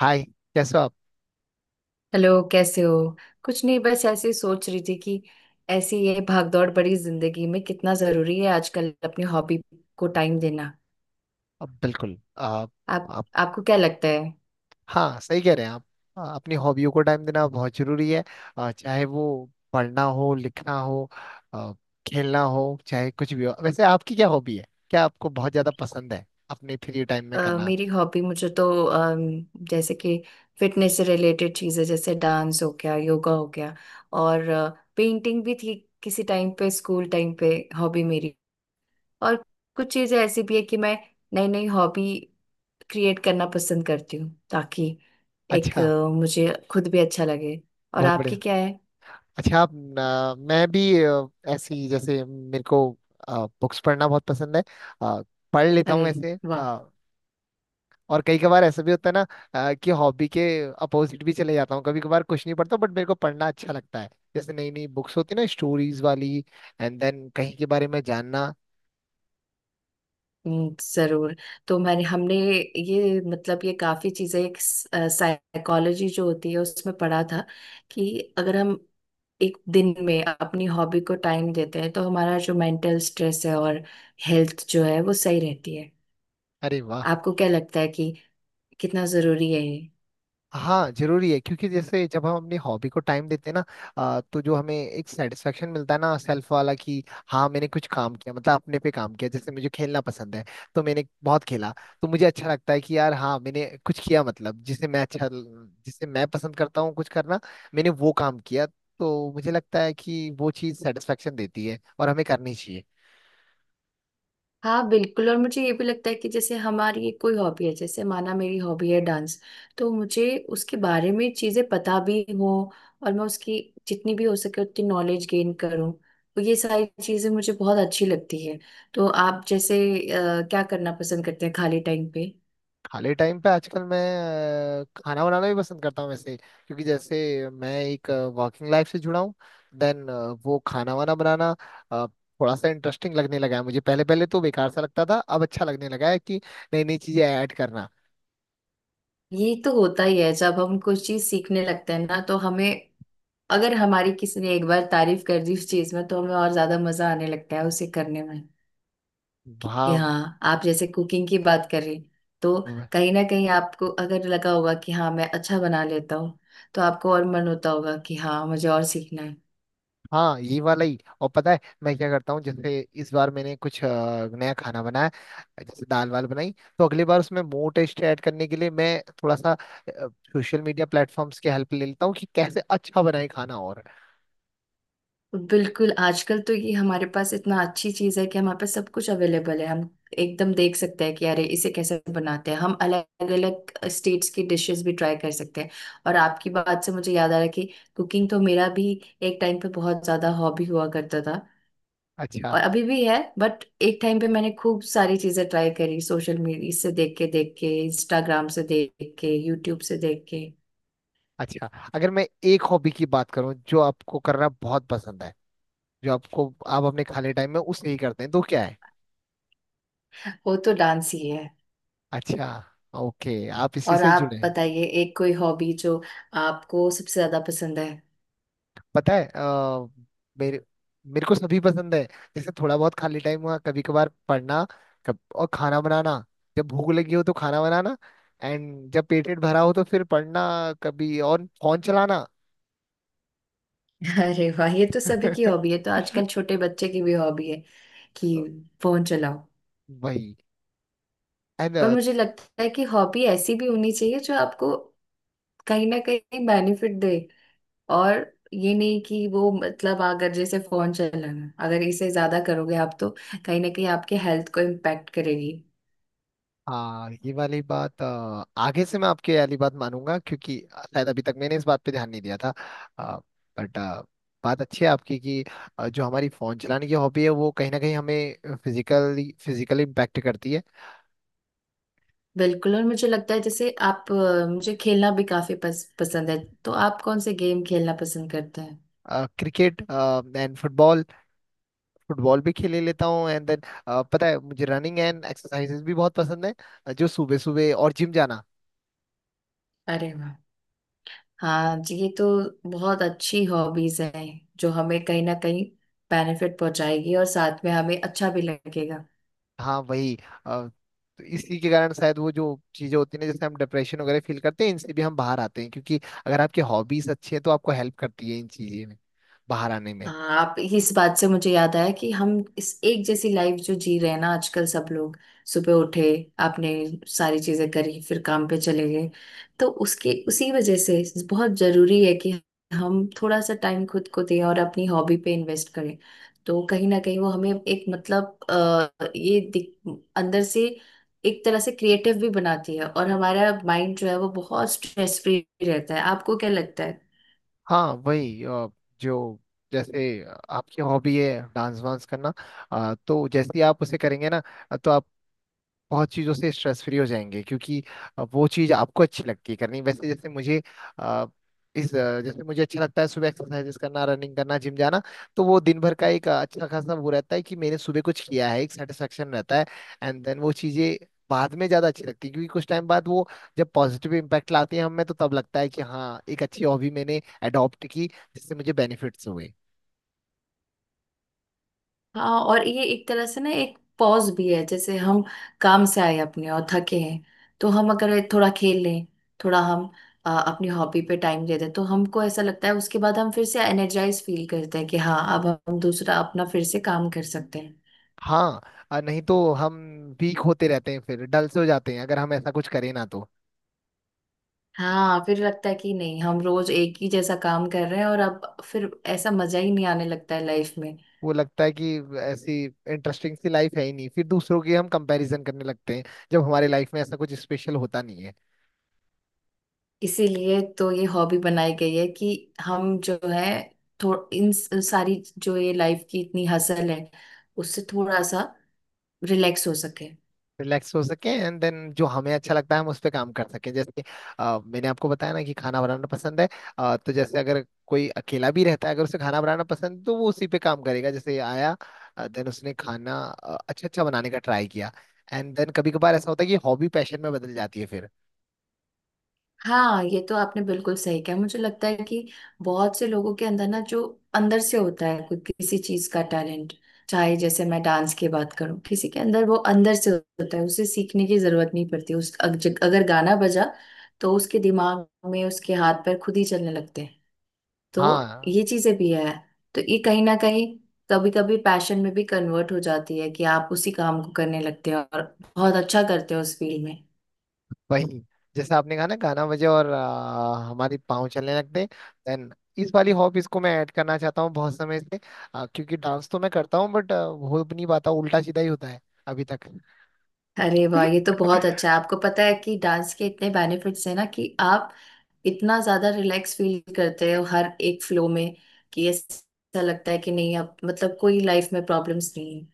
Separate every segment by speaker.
Speaker 1: हाय। कैसे हो आप।
Speaker 2: हेलो कैसे हो। कुछ नहीं बस ऐसे ही सोच रही थी कि ऐसी ये भागदौड़ बड़ी जिंदगी में कितना जरूरी है आजकल अपनी हॉबी को टाइम देना।
Speaker 1: अब बिल्कुल आप।
Speaker 2: आप
Speaker 1: आप।
Speaker 2: आपको क्या लगता है।
Speaker 1: हाँ सही कह रहे हैं आप। अपनी हॉबियों को टाइम देना बहुत जरूरी है। चाहे वो पढ़ना हो लिखना हो, आ, खेलना हो चाहे कुछ भी हो। वैसे आपकी क्या हॉबी है, क्या आपको बहुत ज्यादा पसंद है अपने फ्री टाइम में करना।
Speaker 2: मेरी हॉबी मुझे तो जैसे कि फिटनेस से रिलेटेड चीजें जैसे डांस हो गया योगा हो गया। और पेंटिंग भी थी किसी टाइम पे स्कूल टाइम पे हॉबी मेरी। और कुछ चीजें ऐसी भी है कि मैं नई नई हॉबी क्रिएट करना पसंद करती हूँ ताकि एक
Speaker 1: अच्छा।
Speaker 2: मुझे खुद भी अच्छा लगे। और
Speaker 1: बहुत
Speaker 2: आपकी
Speaker 1: बढ़िया।
Speaker 2: क्या है।
Speaker 1: अच्छा आप मैं भी ऐसी जैसे मेरे को बुक्स पढ़ना बहुत पसंद है। आ, पढ़ लेता हूँ
Speaker 2: अरे
Speaker 1: वैसे।
Speaker 2: वाह।
Speaker 1: और कई कभार ऐसा भी होता है ना कि हॉबी के अपोजिट भी चले जाता हूँ, कभी कभार कुछ नहीं पढ़ता। बट मेरे को पढ़ना अच्छा लगता है। जैसे नई नई बुक्स होती है ना स्टोरीज वाली, एंड देन कहीं के बारे में जानना।
Speaker 2: जरूर। तो मैंने हमने ये मतलब ये काफी चीजें एक साइकोलॉजी जो होती है उसमें पढ़ा था कि अगर हम एक दिन में अपनी हॉबी को टाइम देते हैं तो हमारा जो मेंटल स्ट्रेस है और हेल्थ जो है वो सही रहती है।
Speaker 1: अरे वाह।
Speaker 2: आपको क्या लगता है कि कितना जरूरी है ये।
Speaker 1: हाँ जरूरी है, क्योंकि जैसे जब हम अपनी हॉबी को टाइम देते हैं ना, तो जो हमें एक सेटिस्फेक्शन मिलता है ना सेल्फ वाला, कि हाँ मैंने कुछ काम किया, मतलब अपने पे काम किया। जैसे मुझे खेलना पसंद है, तो मैंने बहुत खेला। तो मुझे अच्छा लगता है कि यार हाँ मैंने कुछ किया, मतलब जिसे मैं अच्छा, जिसे मैं पसंद करता हूँ कुछ करना, मैंने वो काम किया। तो मुझे लगता है कि वो चीज़ सेटिस्फेक्शन देती है और हमें करनी चाहिए।
Speaker 2: हाँ बिल्कुल, और मुझे ये भी लगता है कि जैसे हमारी ये कोई हॉबी है, जैसे माना मेरी हॉबी है डांस, तो मुझे उसके बारे में चीजें पता भी हो और मैं उसकी जितनी भी हो सके उतनी नॉलेज गेन करूँ। तो ये सारी चीजें मुझे बहुत अच्छी लगती है। तो आप जैसे क्या करना पसंद करते हैं खाली टाइम पे।
Speaker 1: खाली टाइम पे आजकल मैं खाना बनाना भी पसंद करता हूँ वैसे। क्योंकि जैसे मैं एक वर्किंग लाइफ से जुड़ा हूँ, देन वो खाना वाना बनाना अ, थोड़ा सा इंटरेस्टिंग लगने लगा है मुझे। पहले पहले तो बेकार सा लगता था, अब अच्छा लगने लगा है कि नई नई चीजें ऐड करना।
Speaker 2: ये तो होता ही है जब हम कुछ चीज सीखने लगते हैं ना तो हमें अगर हमारी किसी ने एक बार तारीफ कर दी उस चीज में तो हमें और ज्यादा मजा आने लगता है उसे करने में। कि
Speaker 1: हाँ।
Speaker 2: हाँ आप जैसे कुकिंग की बात करें तो कहीं ना कहीं आपको अगर लगा होगा कि हाँ मैं अच्छा बना लेता हूँ, तो आपको और मन होता होगा कि हाँ मुझे और सीखना है।
Speaker 1: हाँ ये वाला ही। और पता है मैं क्या करता हूँ। जैसे इस बार मैंने कुछ नया खाना बनाया, जैसे दाल वाल बनाई, तो अगली बार उसमें मोर टेस्ट ऐड करने के लिए मैं थोड़ा सा सोशल मीडिया प्लेटफॉर्म्स की हेल्प ले लेता हूँ, कि कैसे अच्छा बनाए खाना। और
Speaker 2: तो बिल्कुल, आजकल तो ये हमारे पास इतना अच्छी चीज़ है कि हमारे पास सब कुछ अवेलेबल है। हम एकदम देख सकते हैं कि अरे इसे कैसे बनाते हैं, हम अलग अलग स्टेट्स की डिशेस भी ट्राई कर सकते हैं। और आपकी बात से मुझे याद आ रहा है कि कुकिंग तो मेरा भी एक टाइम पे बहुत ज़्यादा हॉबी हुआ करता था
Speaker 1: अच्छा।
Speaker 2: और अभी भी है, बट एक टाइम पे मैंने खूब सारी चीजें ट्राई करी सोशल मीडिया से देख के इंस्टाग्राम से देख के यूट्यूब से देख के।
Speaker 1: अच्छा। अगर मैं एक हॉबी की बात करूँ जो आपको करना बहुत पसंद है, जो आपको, आप अपने खाली टाइम में उसे ही करते हैं, तो क्या है।
Speaker 2: वो तो डांस ही है।
Speaker 1: अच्छा। ओके आप इसी
Speaker 2: और
Speaker 1: से जुड़े
Speaker 2: आप
Speaker 1: हैं।
Speaker 2: बताइए एक कोई हॉबी जो आपको सबसे ज्यादा पसंद है।
Speaker 1: पता है मेरे मेरे को सभी पसंद है। जैसे थोड़ा बहुत खाली टाइम हुआ कभी कभार पढ़ना। और खाना बनाना, जब भूख लगी हो तो खाना बनाना। एंड जब पेट वेट भरा हो तो फिर पढ़ना। कभी और फोन चलाना।
Speaker 2: अरे वाह, ये तो सभी की हॉबी है, तो आजकल छोटे बच्चे की भी हॉबी है कि फोन चलाओ।
Speaker 1: वही। एंड।
Speaker 2: पर मुझे लगता है कि हॉबी ऐसी भी होनी चाहिए जो आपको कहीं ना कहीं बेनिफिट दे, और ये नहीं कि वो मतलब अगर जैसे फोन चलाना अगर इसे ज्यादा करोगे आप तो कहीं ना कहीं आपके हेल्थ को इम्पैक्ट करेगी।
Speaker 1: हाँ ये वाली बात आगे से मैं आपकी वाली बात मानूंगा, क्योंकि शायद अभी तक मैंने इस बात पे ध्यान नहीं दिया था। बट बात अच्छी है आपकी कि जो हमारी फोन चलाने की हॉबी है वो कहीं ना कहीं हमें फिजिकली फिजिकली इम्पैक्ट करती है।
Speaker 2: बिल्कुल। और मुझे लगता है जैसे आप मुझे खेलना भी काफी पसंद है। तो आप कौन से गेम खेलना पसंद करते हैं।
Speaker 1: Cricket and football. फुटबॉल भी खेले लेता हूँ। एंड देन पता है मुझे रनिंग एंड एक्सरसाइजेस भी बहुत पसंद है। जो सुबह सुबह और जिम जाना।
Speaker 2: अरे वाह, हाँ जी, ये तो बहुत अच्छी हॉबीज हैं जो हमें कहीं ना कहीं बेनिफिट पहुंचाएगी और साथ में हमें अच्छा भी लगेगा।
Speaker 1: हाँ वही। अ, तो इसी के कारण शायद वो जो चीजें होती हैं ना, जैसे हम डिप्रेशन वगैरह फील करते हैं, इनसे भी हम बाहर आते हैं। क्योंकि अगर आपकी हॉबीज अच्छी है तो आपको हेल्प करती है इन चीजें में बाहर आने में।
Speaker 2: हाँ, आप इस बात से मुझे याद आया कि हम इस एक जैसी लाइफ जो जी रहे हैं ना आजकल सब लोग, सुबह उठे आपने सारी चीजें करी फिर काम पे चले गए, तो उसके उसी वजह से बहुत जरूरी है कि हम थोड़ा सा टाइम खुद को दें और अपनी हॉबी पे इन्वेस्ट करें। तो कहीं ना कहीं वो हमें एक मतलब अंदर से एक तरह से क्रिएटिव भी बनाती है और हमारा माइंड जो है वो बहुत स्ट्रेस फ्री रहता है। आपको क्या लगता है।
Speaker 1: हाँ वही जो जैसे आपकी हॉबी है डांस वांस करना, तो जैसे ही आप उसे करेंगे ना, तो आप बहुत चीज़ों से स्ट्रेस फ्री हो जाएंगे। क्योंकि वो चीज़ आपको अच्छी लगती है करनी। वैसे जैसे मुझे अ, जैसे मुझे अच्छा लगता है सुबह एक्सरसाइजेस करना, रनिंग करना, जिम जाना। तो वो दिन भर का एक अच्छा खासा वो रहता है कि मैंने सुबह कुछ किया है, एक सेटिस्फेक्शन रहता है। एंड देन वो चीज़ें बाद में ज़्यादा अच्छी लगती है, क्योंकि कुछ टाइम बाद वो जब पॉजिटिव इम्पैक्ट लाती है हमें, तो तब लगता है कि हाँ एक अच्छी हॉबी मैंने अडॉप्ट की जिससे मुझे बेनिफिट्स हुए।
Speaker 2: हाँ, और ये एक तरह से ना एक पॉज भी है, जैसे हम काम से आए अपने और थके हैं तो हम अगर थोड़ा खेल लें, थोड़ा हम अपनी हॉबी पे टाइम दे दें, तो हमको ऐसा लगता है उसके बाद हम फिर से एनर्जाइज फील करते हैं कि हाँ अब हम दूसरा अपना फिर से काम कर सकते हैं।
Speaker 1: हाँ नहीं तो हम वीक होते रहते हैं, फिर डल से हो जाते हैं अगर हम ऐसा कुछ करें ना तो।
Speaker 2: हाँ फिर लगता है कि नहीं हम रोज एक ही जैसा काम कर रहे हैं और अब फिर ऐसा मजा ही नहीं आने लगता है लाइफ में।
Speaker 1: वो लगता है कि ऐसी इंटरेस्टिंग सी लाइफ है ही नहीं, फिर दूसरों की हम कंपैरिजन करने लगते हैं, जब हमारी लाइफ में ऐसा कुछ स्पेशल होता नहीं है।
Speaker 2: इसीलिए तो ये हॉबी बनाई गई है कि हम जो है सारी जो ये लाइफ की इतनी हसल है उससे थोड़ा सा रिलैक्स हो सके।
Speaker 1: रिलैक्स हो सके एंड देन जो हमें अच्छा लगता है हम उस पर काम कर सकें। जैसे कि मैंने आपको बताया ना कि खाना बनाना पसंद है। तो जैसे अगर कोई अकेला भी रहता है, अगर उसे खाना बनाना पसंद है, तो वो उसी पे काम करेगा, जैसे आया देन उसने खाना अच्छा अच्छा बनाने का ट्राई किया। एंड देन कभी कभार ऐसा होता है कि हॉबी पैशन में बदल जाती है फिर।
Speaker 2: हाँ ये तो आपने बिल्कुल सही कहा। मुझे लगता है कि बहुत से लोगों के अंदर ना जो अंदर से होता है कोई किसी चीज का टैलेंट, चाहे जैसे मैं डांस की बात करूं किसी के अंदर वो अंदर से होता है, उसे सीखने की जरूरत नहीं पड़ती। अगर गाना बजा तो उसके दिमाग में उसके हाथ पैर खुद ही चलने लगते हैं। तो
Speaker 1: हाँ
Speaker 2: ये चीजें भी है। तो ये कहीं ना कहीं कभी कभी पैशन में भी कन्वर्ट हो जाती है कि आप उसी काम को करने लगते हो और बहुत अच्छा करते हो उस फील्ड में।
Speaker 1: वही। जैसे आपने कहा ना गाना बजे और हमारी पाँव चलने लगते, देन इस वाली हॉब इसको मैं ऐड करना चाहता हूँ बहुत समय से। क्योंकि डांस तो मैं करता हूँ, बट हो भी नहीं पाता, उल्टा सीधा ही होता है अभी तक।
Speaker 2: अरे वाह, ये तो बहुत अच्छा है। आपको पता है कि डांस के इतने बेनिफिट्स हैं ना कि आप इतना ज्यादा रिलैक्स फील करते हो हर एक फ्लो में कि ऐसा लगता है कि नहीं अब मतलब कोई लाइफ में प्रॉब्लम्स नहीं।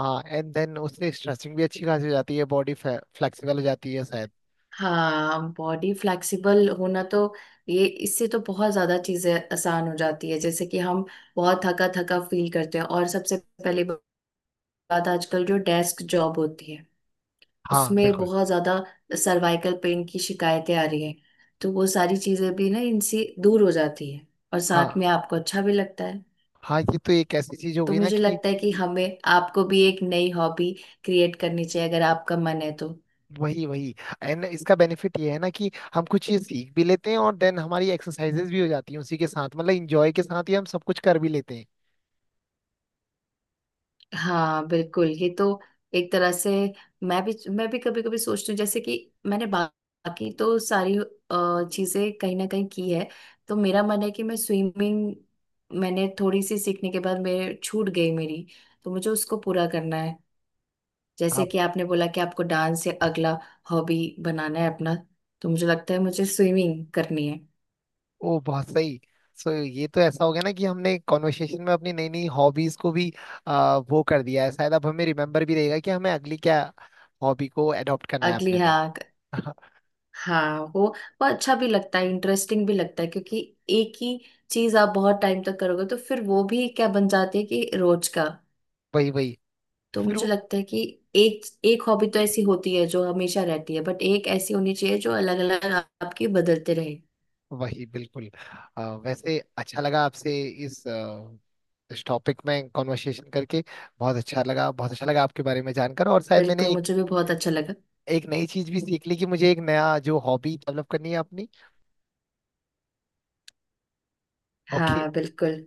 Speaker 1: हाँ एंड देन उससे स्ट्रेचिंग भी अच्छी खासी हो जाती है, बॉडी फ्लेक्सिबल हो जाती है शायद।
Speaker 2: हाँ, बॉडी फ्लेक्सिबल होना तो, ये इससे तो बहुत ज्यादा चीजें आसान हो जाती है। जैसे कि हम बहुत थका थका फील करते हैं, और सबसे पहली बात आजकल जो डेस्क जॉब होती है
Speaker 1: हाँ
Speaker 2: उसमें
Speaker 1: बिल्कुल।
Speaker 2: बहुत ज्यादा सर्वाइकल पेन की शिकायतें आ रही हैं, तो वो सारी चीजें भी ना इनसे दूर हो जाती है और साथ
Speaker 1: हाँ।
Speaker 2: में आपको अच्छा भी लगता है।
Speaker 1: हाँ ये तो एक ऐसी चीज हो
Speaker 2: तो
Speaker 1: गई ना
Speaker 2: मुझे
Speaker 1: कि।
Speaker 2: लगता है कि हमें आपको भी एक नई हॉबी क्रिएट करनी चाहिए अगर आपका मन है तो।
Speaker 1: वही वही। एंड इसका बेनिफिट ये है ना कि हम कुछ चीज सीख भी लेते हैं और देन हमारी एक्सरसाइजेज भी हो जाती हैं उसी के साथ, मतलब इंजॉय के साथ ही हम सब कुछ कर भी लेते हैं।
Speaker 2: हाँ बिल्कुल, ये तो एक तरह से, मैं भी कभी कभी सोचती हूँ जैसे कि बाकी तो सारी चीजें कहीं ना कहीं की है, तो मेरा मन है कि मैं स्विमिंग, मैंने थोड़ी सी सीखने के बाद मेरे छूट गई मेरी, तो मुझे उसको पूरा करना है। जैसे
Speaker 1: हाँ।
Speaker 2: कि आपने बोला कि आपको डांस या अगला हॉबी बनाना है अपना, तो मुझे लगता है मुझे स्विमिंग करनी है
Speaker 1: ओ बहुत सही। सो ये तो ऐसा हो गया ना कि हमने कॉन्वर्सेशन में अपनी नई नई हॉबीज को भी वो कर दिया है। शायद अब हमें रिमेम्बर भी रहेगा कि हमें अगली क्या हॉबी को एडॉप्ट करना है
Speaker 2: अगली।
Speaker 1: अपने में।
Speaker 2: हाँ, हाँ वो अच्छा भी लगता है इंटरेस्टिंग भी लगता है क्योंकि एक ही चीज आप बहुत टाइम तक करोगे तो फिर वो भी क्या बन जाती है कि रोज का।
Speaker 1: वही वही।
Speaker 2: तो
Speaker 1: फिर
Speaker 2: मुझे
Speaker 1: वो
Speaker 2: लगता है कि एक एक हॉबी तो ऐसी होती है जो हमेशा रहती है बट एक ऐसी होनी चाहिए जो अलग अलग आपकी बदलते रहे।
Speaker 1: वही बिल्कुल। वैसे अच्छा लगा आपसे इस आ, इस टॉपिक में कॉन्वर्सेशन करके। बहुत अच्छा लगा, बहुत अच्छा लगा आपके बारे में जानकर। और शायद
Speaker 2: बिल्कुल,
Speaker 1: मैंने एक,
Speaker 2: मुझे भी बहुत अच्छा लगा।
Speaker 1: एक नई चीज भी सीख ली कि मुझे एक नया जो हॉबी डेवलप करनी है अपनी। ओके।
Speaker 2: हाँ बिल्कुल,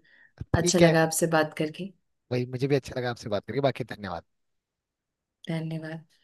Speaker 2: अच्छा
Speaker 1: ठीक है।
Speaker 2: लगा आपसे बात करके।
Speaker 1: वही मुझे भी अच्छा लगा आपसे बात करके। बाकी धन्यवाद।
Speaker 2: धन्यवाद।